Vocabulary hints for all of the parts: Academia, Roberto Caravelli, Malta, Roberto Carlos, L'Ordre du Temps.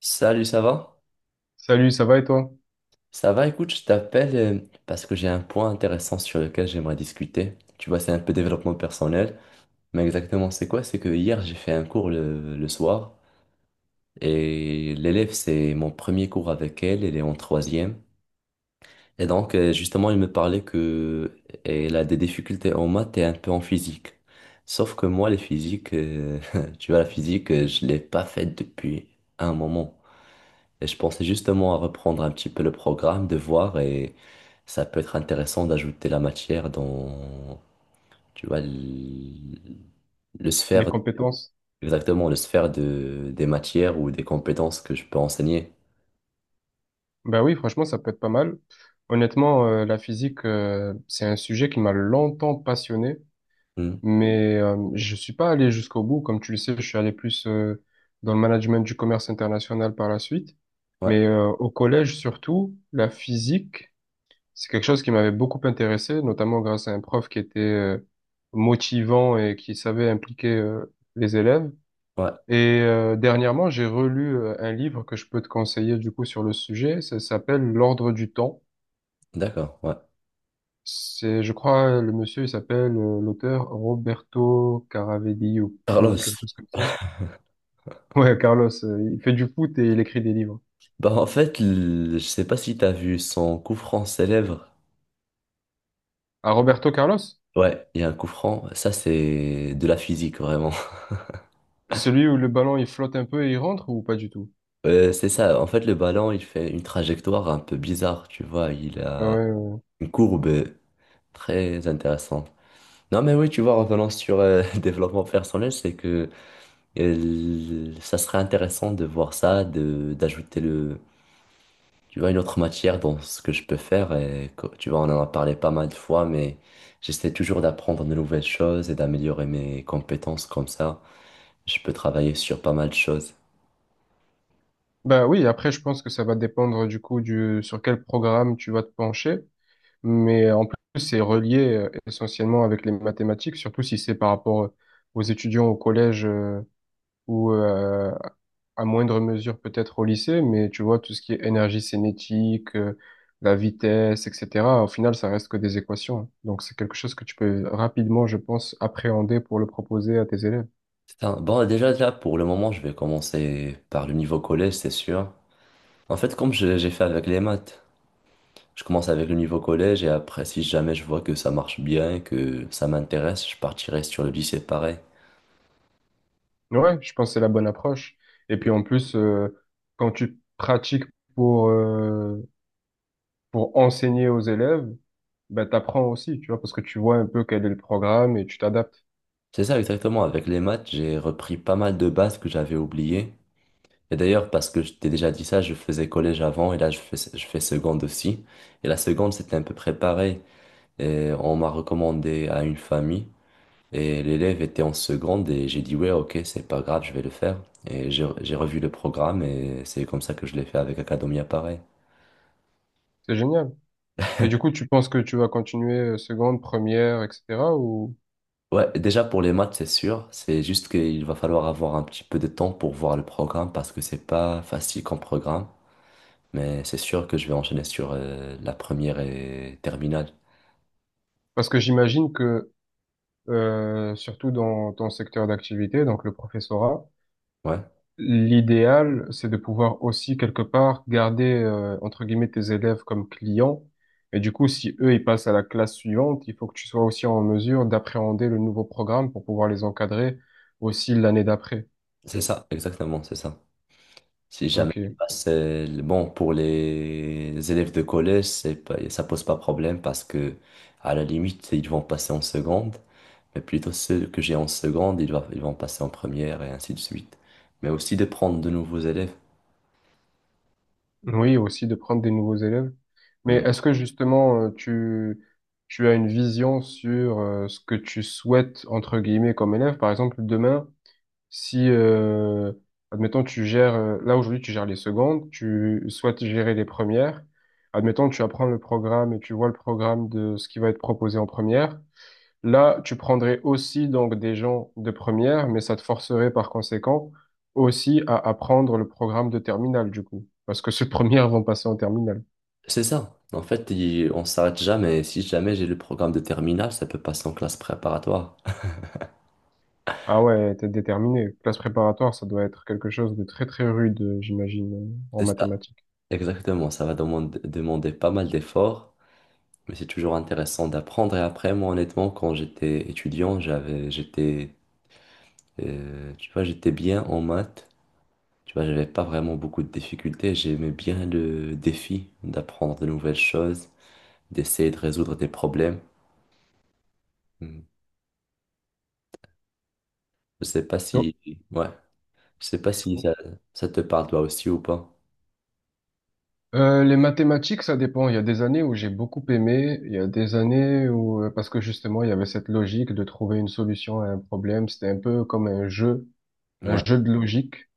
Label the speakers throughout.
Speaker 1: Salut, ça va?
Speaker 2: Salut, ça va et toi?
Speaker 1: Ça va, écoute, je t'appelle parce que j'ai un point intéressant sur lequel j'aimerais discuter. Tu vois, c'est un peu développement personnel, mais exactement c'est quoi? C'est que hier, j'ai fait un cours le soir et l'élève, c'est mon premier cours avec elle, elle est en troisième. Et donc, justement, elle me parlait que elle a des difficultés en maths et un peu en physique. Sauf que moi, les physiques, tu vois, la physique, je l'ai pas faite depuis un moment. Et je pensais justement à reprendre un petit peu le programme, de voir, et ça peut être intéressant d'ajouter la matière dans, tu vois, le
Speaker 2: Les
Speaker 1: sphère,
Speaker 2: compétences?
Speaker 1: exactement, le sphère de, des matières ou des compétences que je peux enseigner.
Speaker 2: Ben oui, franchement, ça peut être pas mal. Honnêtement, la physique, c'est un sujet qui m'a longtemps passionné,
Speaker 1: Hmm.
Speaker 2: mais je suis pas allé jusqu'au bout. Comme tu le sais, je suis allé plus dans le management du commerce international par la suite.
Speaker 1: Ouais,
Speaker 2: Mais au collège, surtout, la physique, c'est quelque chose qui m'avait beaucoup intéressé, notamment grâce à un prof qui était motivant et qui savait impliquer les élèves.
Speaker 1: ouais,
Speaker 2: Et dernièrement, j'ai relu un livre que je peux te conseiller du coup sur le sujet. Ça s'appelle L'Ordre du Temps.
Speaker 1: d'accord, ouais.
Speaker 2: C'est, je crois, le monsieur, il s'appelle l'auteur Roberto Caravelli ou quelque
Speaker 1: Carlos,
Speaker 2: chose comme ça. Ouais, Carlos, il fait du foot et il écrit des livres.
Speaker 1: bah en fait, je sais pas si t'as vu son coup franc célèbre.
Speaker 2: Ah, Roberto Carlos?
Speaker 1: Ouais, il y a un coup franc, ça c'est de la physique vraiment.
Speaker 2: Celui où le ballon il flotte un peu et il rentre ou pas du tout?
Speaker 1: C'est ça, en fait le ballon il fait une trajectoire un peu bizarre, tu vois, il a...
Speaker 2: Ouais, ouais.
Speaker 1: Une courbe très intéressante. Non, mais oui, tu vois, revenant sur développement personnel, c'est que ça serait intéressant de voir ça, de d'ajouter le, tu vois, une autre matière dans ce que je peux faire. Et, tu vois, on en a parlé pas mal de fois, mais j'essaie toujours d'apprendre de nouvelles choses et d'améliorer mes compétences comme ça. Je peux travailler sur pas mal de choses.
Speaker 2: Bah oui, après je pense que ça va dépendre du coup du sur quel programme tu vas te pencher. Mais en plus, c'est relié essentiellement avec les mathématiques, surtout si c'est par rapport aux étudiants au collège ou à moindre mesure peut-être au lycée. Mais tu vois, tout ce qui est énergie cinétique, la vitesse, etc., au final, ça reste que des équations. Donc, c'est quelque chose que tu peux rapidement, je pense, appréhender pour le proposer à tes élèves.
Speaker 1: Bon, déjà, là, pour le moment, je vais commencer par le niveau collège, c'est sûr. En fait, comme j'ai fait avec les maths. Je commence avec le niveau collège et après, si jamais je vois que ça marche bien, que ça m'intéresse, je partirai sur le lycée pareil.
Speaker 2: Ouais, je pense que c'est la bonne approche. Et puis en plus, quand tu pratiques pour... euh, pour enseigner aux élèves, ben, t'apprends aussi, tu vois, parce que tu vois un peu quel est le programme et tu t'adaptes.
Speaker 1: C'est ça exactement, avec les maths, j'ai repris pas mal de bases que j'avais oubliées. Et d'ailleurs, parce que je t'ai déjà dit ça, je faisais collège avant et là, je fais seconde aussi. Et la seconde, c'était un peu préparé. Et on m'a recommandé à une famille et l'élève était en seconde et j'ai dit, ouais, ok, c'est pas grave, je vais le faire. Et j'ai revu le programme et c'est comme ça que je l'ai fait avec Academia pareil.
Speaker 2: C'est génial. Et du coup, tu penses que tu vas continuer seconde, première, etc. ou...
Speaker 1: Ouais, déjà pour les maths, c'est sûr. C'est juste qu'il va falloir avoir un petit peu de temps pour voir le programme parce que c'est pas facile comme programme. Mais c'est sûr que je vais enchaîner sur la première et terminale.
Speaker 2: Parce que j'imagine que, surtout dans ton secteur d'activité, donc le professorat,
Speaker 1: Ouais,
Speaker 2: l'idéal, c'est de pouvoir aussi quelque part garder, entre guillemets, tes élèves comme clients. Et du coup, si eux, ils passent à la classe suivante, il faut que tu sois aussi en mesure d'appréhender le nouveau programme pour pouvoir les encadrer aussi l'année d'après.
Speaker 1: c'est ça, exactement, c'est ça. Si jamais tu
Speaker 2: Ok.
Speaker 1: passes, bon, pour les élèves de collège, c'est pas, ça pose pas problème parce que à la limite, ils vont passer en seconde. Mais plutôt ceux que j'ai en seconde, ils vont passer en première et ainsi de suite. Mais aussi de prendre de nouveaux élèves.
Speaker 2: Oui, aussi de prendre des nouveaux élèves. Mais
Speaker 1: Hmm.
Speaker 2: est-ce que justement, tu as une vision sur ce que tu souhaites, entre guillemets, comme élève? Par exemple, demain, si, admettons, tu gères, là aujourd'hui, tu gères les secondes, tu souhaites gérer les premières. Admettons, tu apprends le programme et tu vois le programme de ce qui va être proposé en première. Là, tu prendrais aussi donc des gens de première, mais ça te forcerait par conséquent aussi à apprendre le programme de terminale du coup, parce que ceux de première vont passer en terminale.
Speaker 1: C'est ça. En fait, on s'arrête jamais. Si jamais j'ai le programme de terminale, ça peut passer en classe préparatoire.
Speaker 2: Ah ouais, t'es déterminé. Classe préparatoire, ça doit être quelque chose de très très rude, j'imagine, en
Speaker 1: C'est ça.
Speaker 2: mathématiques.
Speaker 1: Exactement. Ça va demander pas mal d'efforts, mais c'est toujours intéressant d'apprendre. Et après, moi, honnêtement, quand j'étais étudiant, tu vois, j'étais bien en maths. Tu vois, j'avais pas vraiment beaucoup de difficultés. J'aimais bien le défi d'apprendre de nouvelles choses, d'essayer de résoudre des problèmes. Hmm. Je sais pas
Speaker 2: Non.
Speaker 1: si, ouais, je sais pas si ça, ça te parle toi aussi ou pas.
Speaker 2: Les mathématiques, ça dépend. Il y a des années où j'ai beaucoup aimé, il y a des années où, parce que justement, il y avait cette logique de trouver une solution à un problème. C'était un peu comme un
Speaker 1: Ouais.
Speaker 2: jeu de logique.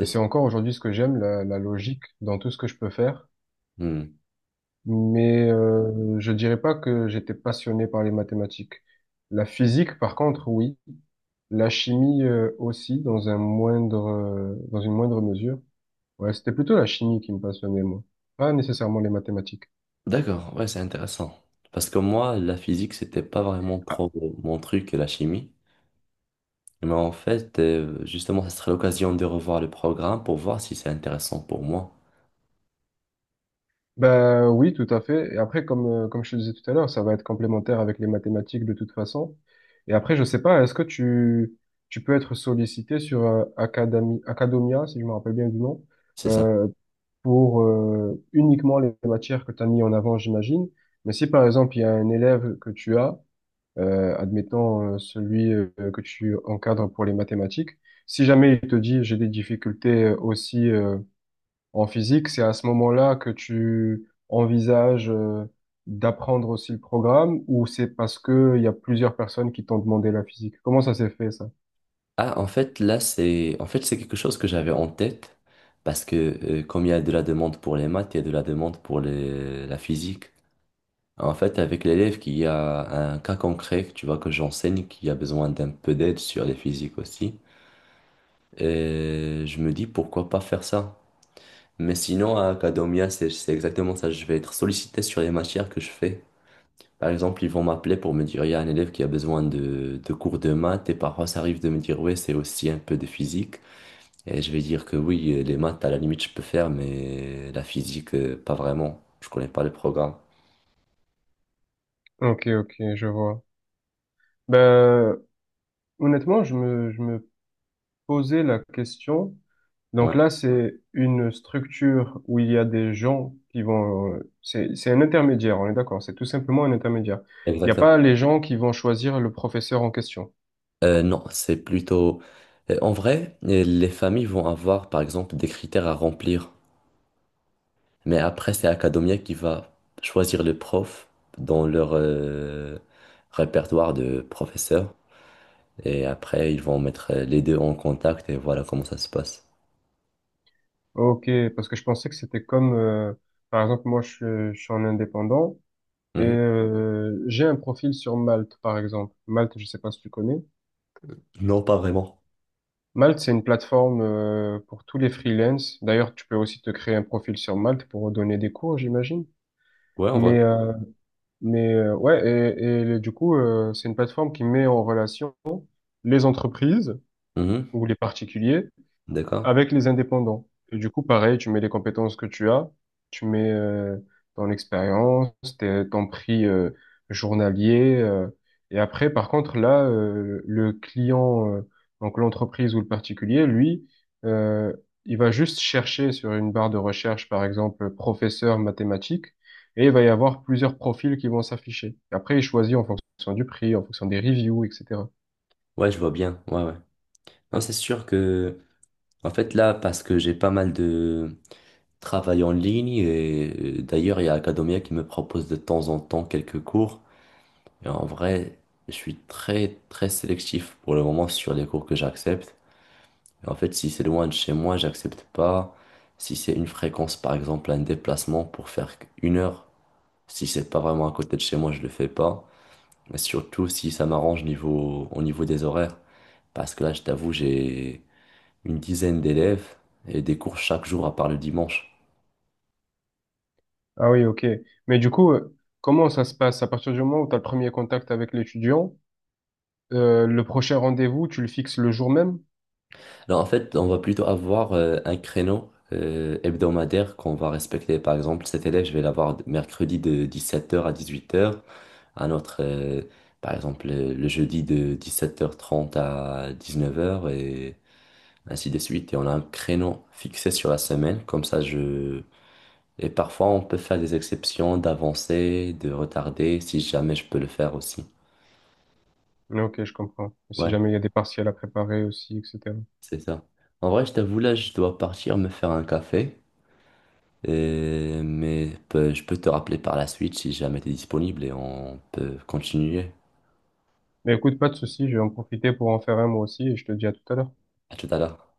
Speaker 2: Et
Speaker 1: ça.
Speaker 2: c'est encore aujourd'hui ce que j'aime, la logique dans tout ce que je peux faire.
Speaker 1: Hmm.
Speaker 2: Mais je dirais pas que j'étais passionné par les mathématiques. La physique, par contre, oui. La chimie aussi, dans un dans une moindre mesure. Ouais, c'était plutôt la chimie qui me passionnait, moi. Pas nécessairement les mathématiques.
Speaker 1: D'accord, ouais, c'est intéressant. Parce que moi, la physique, c'était pas vraiment trop mon truc, la chimie. Mais en fait, justement, ça serait l'occasion de revoir le programme pour voir si c'est intéressant pour moi.
Speaker 2: Ben oui, tout à fait. Et après, comme je te disais tout à l'heure, ça va être complémentaire avec les mathématiques de toute façon. Et après, je sais pas, est-ce que tu peux être sollicité sur Academia, si je me rappelle bien du nom,
Speaker 1: C'est ça.
Speaker 2: euh, pour uniquement les matières que tu as mis en avant, j'imagine. Mais si par exemple, il y a un élève que tu as, admettons celui que tu encadres pour les mathématiques, si jamais il te dit j'ai des difficultés aussi en physique, c'est à ce moment-là que tu envisages d'apprendre aussi le programme ou c'est parce que il y a plusieurs personnes qui t'ont demandé la physique? Comment ça s'est fait ça?
Speaker 1: Ah, en fait, là, c'est en fait, c'est quelque chose que j'avais en tête. Parce que comme il y a de la demande pour les maths, il y a de la demande pour la physique. En fait, avec l'élève qui a un cas concret, tu vois, que j'enseigne, qui a besoin d'un peu d'aide sur les physiques aussi. Et je me dis pourquoi pas faire ça. Mais sinon, à Academia, c'est exactement ça. Je vais être sollicité sur les matières que je fais. Par exemple, ils vont m'appeler pour me dire, il y a un élève qui a besoin de cours de maths. Et parfois, ça arrive de me dire, ouais, c'est aussi un peu de physique. Et je vais dire que oui, les maths, à la limite, je peux faire, mais la physique, pas vraiment. Je connais pas le programme.
Speaker 2: Ok, ok, je vois. Ben, honnêtement, je me posais la question.
Speaker 1: Ouais,
Speaker 2: Donc là c'est une structure où il y a des gens qui vont... C'est, c'est un intermédiaire, on est d'accord, c'est tout simplement un intermédiaire. Il n'y a
Speaker 1: exactement.
Speaker 2: pas les gens qui vont choisir le professeur en question.
Speaker 1: Non, c'est plutôt... En vrai, les familles vont avoir, par exemple, des critères à remplir. Mais après, c'est Academia qui va choisir les profs dans leur répertoire de professeurs. Et après, ils vont mettre les deux en contact et voilà comment ça se passe.
Speaker 2: Ok, parce que je pensais que c'était comme, par exemple, moi, je suis en indépendant et
Speaker 1: Mhm.
Speaker 2: j'ai un profil sur Malte, par exemple. Malte, je sais pas si tu connais.
Speaker 1: Non, pas vraiment.
Speaker 2: Malte, c'est une plateforme pour tous les freelances. D'ailleurs, tu peux aussi te créer un profil sur Malte pour donner des cours, j'imagine.
Speaker 1: Ouais, en vrai.
Speaker 2: Mais, euh, mais ouais, et du coup, c'est une plateforme qui met en relation les entreprises
Speaker 1: Mhm.
Speaker 2: ou les particuliers
Speaker 1: D'accord.
Speaker 2: avec les indépendants. Et du coup, pareil, tu mets les compétences que tu as, tu mets ton expérience, ton prix journalier. Et après, par contre, là, le client, donc l'entreprise ou le particulier, lui, euh, il va juste chercher sur une barre de recherche, par exemple, professeur mathématiques, et il va y avoir plusieurs profils qui vont s'afficher. Et Après, il choisit en fonction du prix, en fonction des reviews, etc.
Speaker 1: Ouais, je vois bien. Ouais, ouais. Non, c'est sûr que, en fait, là, parce que j'ai pas mal de travail en ligne et d'ailleurs, il y a Academia qui me propose de temps en temps quelques cours. Et en vrai, je suis très, très sélectif pour le moment sur les cours que j'accepte. En fait, si c'est loin de chez moi, j'accepte pas. Si c'est une fréquence, par exemple, un déplacement pour faire une heure, si c'est pas vraiment à côté de chez moi, je le fais pas. Mais surtout si ça m'arrange au niveau des horaires. Parce que là, je t'avoue, j'ai une dizaine d'élèves et des cours chaque jour à part le dimanche.
Speaker 2: Ah oui, ok. Mais du coup, comment ça se passe? À partir du moment où tu as le premier contact avec l'étudiant, le prochain rendez-vous, tu le fixes le jour même?
Speaker 1: Alors en fait, on va plutôt avoir un créneau hebdomadaire qu'on va respecter. Par exemple, cet élève, je vais l'avoir mercredi de 17h à 18h. Un autre, par exemple, le jeudi de 17h30 à 19h et ainsi de suite. Et on a un créneau fixé sur la semaine. Comme ça, je... Et parfois, on peut faire des exceptions d'avancer, de retarder, si jamais je peux le faire aussi.
Speaker 2: Ah, Ok, je comprends. Si
Speaker 1: Ouais,
Speaker 2: jamais il y a des partiels à préparer aussi, etc.
Speaker 1: c'est ça. En vrai, je t'avoue, là, je dois partir me faire un café. Mais je peux te rappeler par la suite si jamais tu es disponible et on peut continuer.
Speaker 2: Mais écoute, pas de souci, je vais en profiter pour en faire un moi aussi et je te dis à tout à l'heure.
Speaker 1: À tout à l'heure.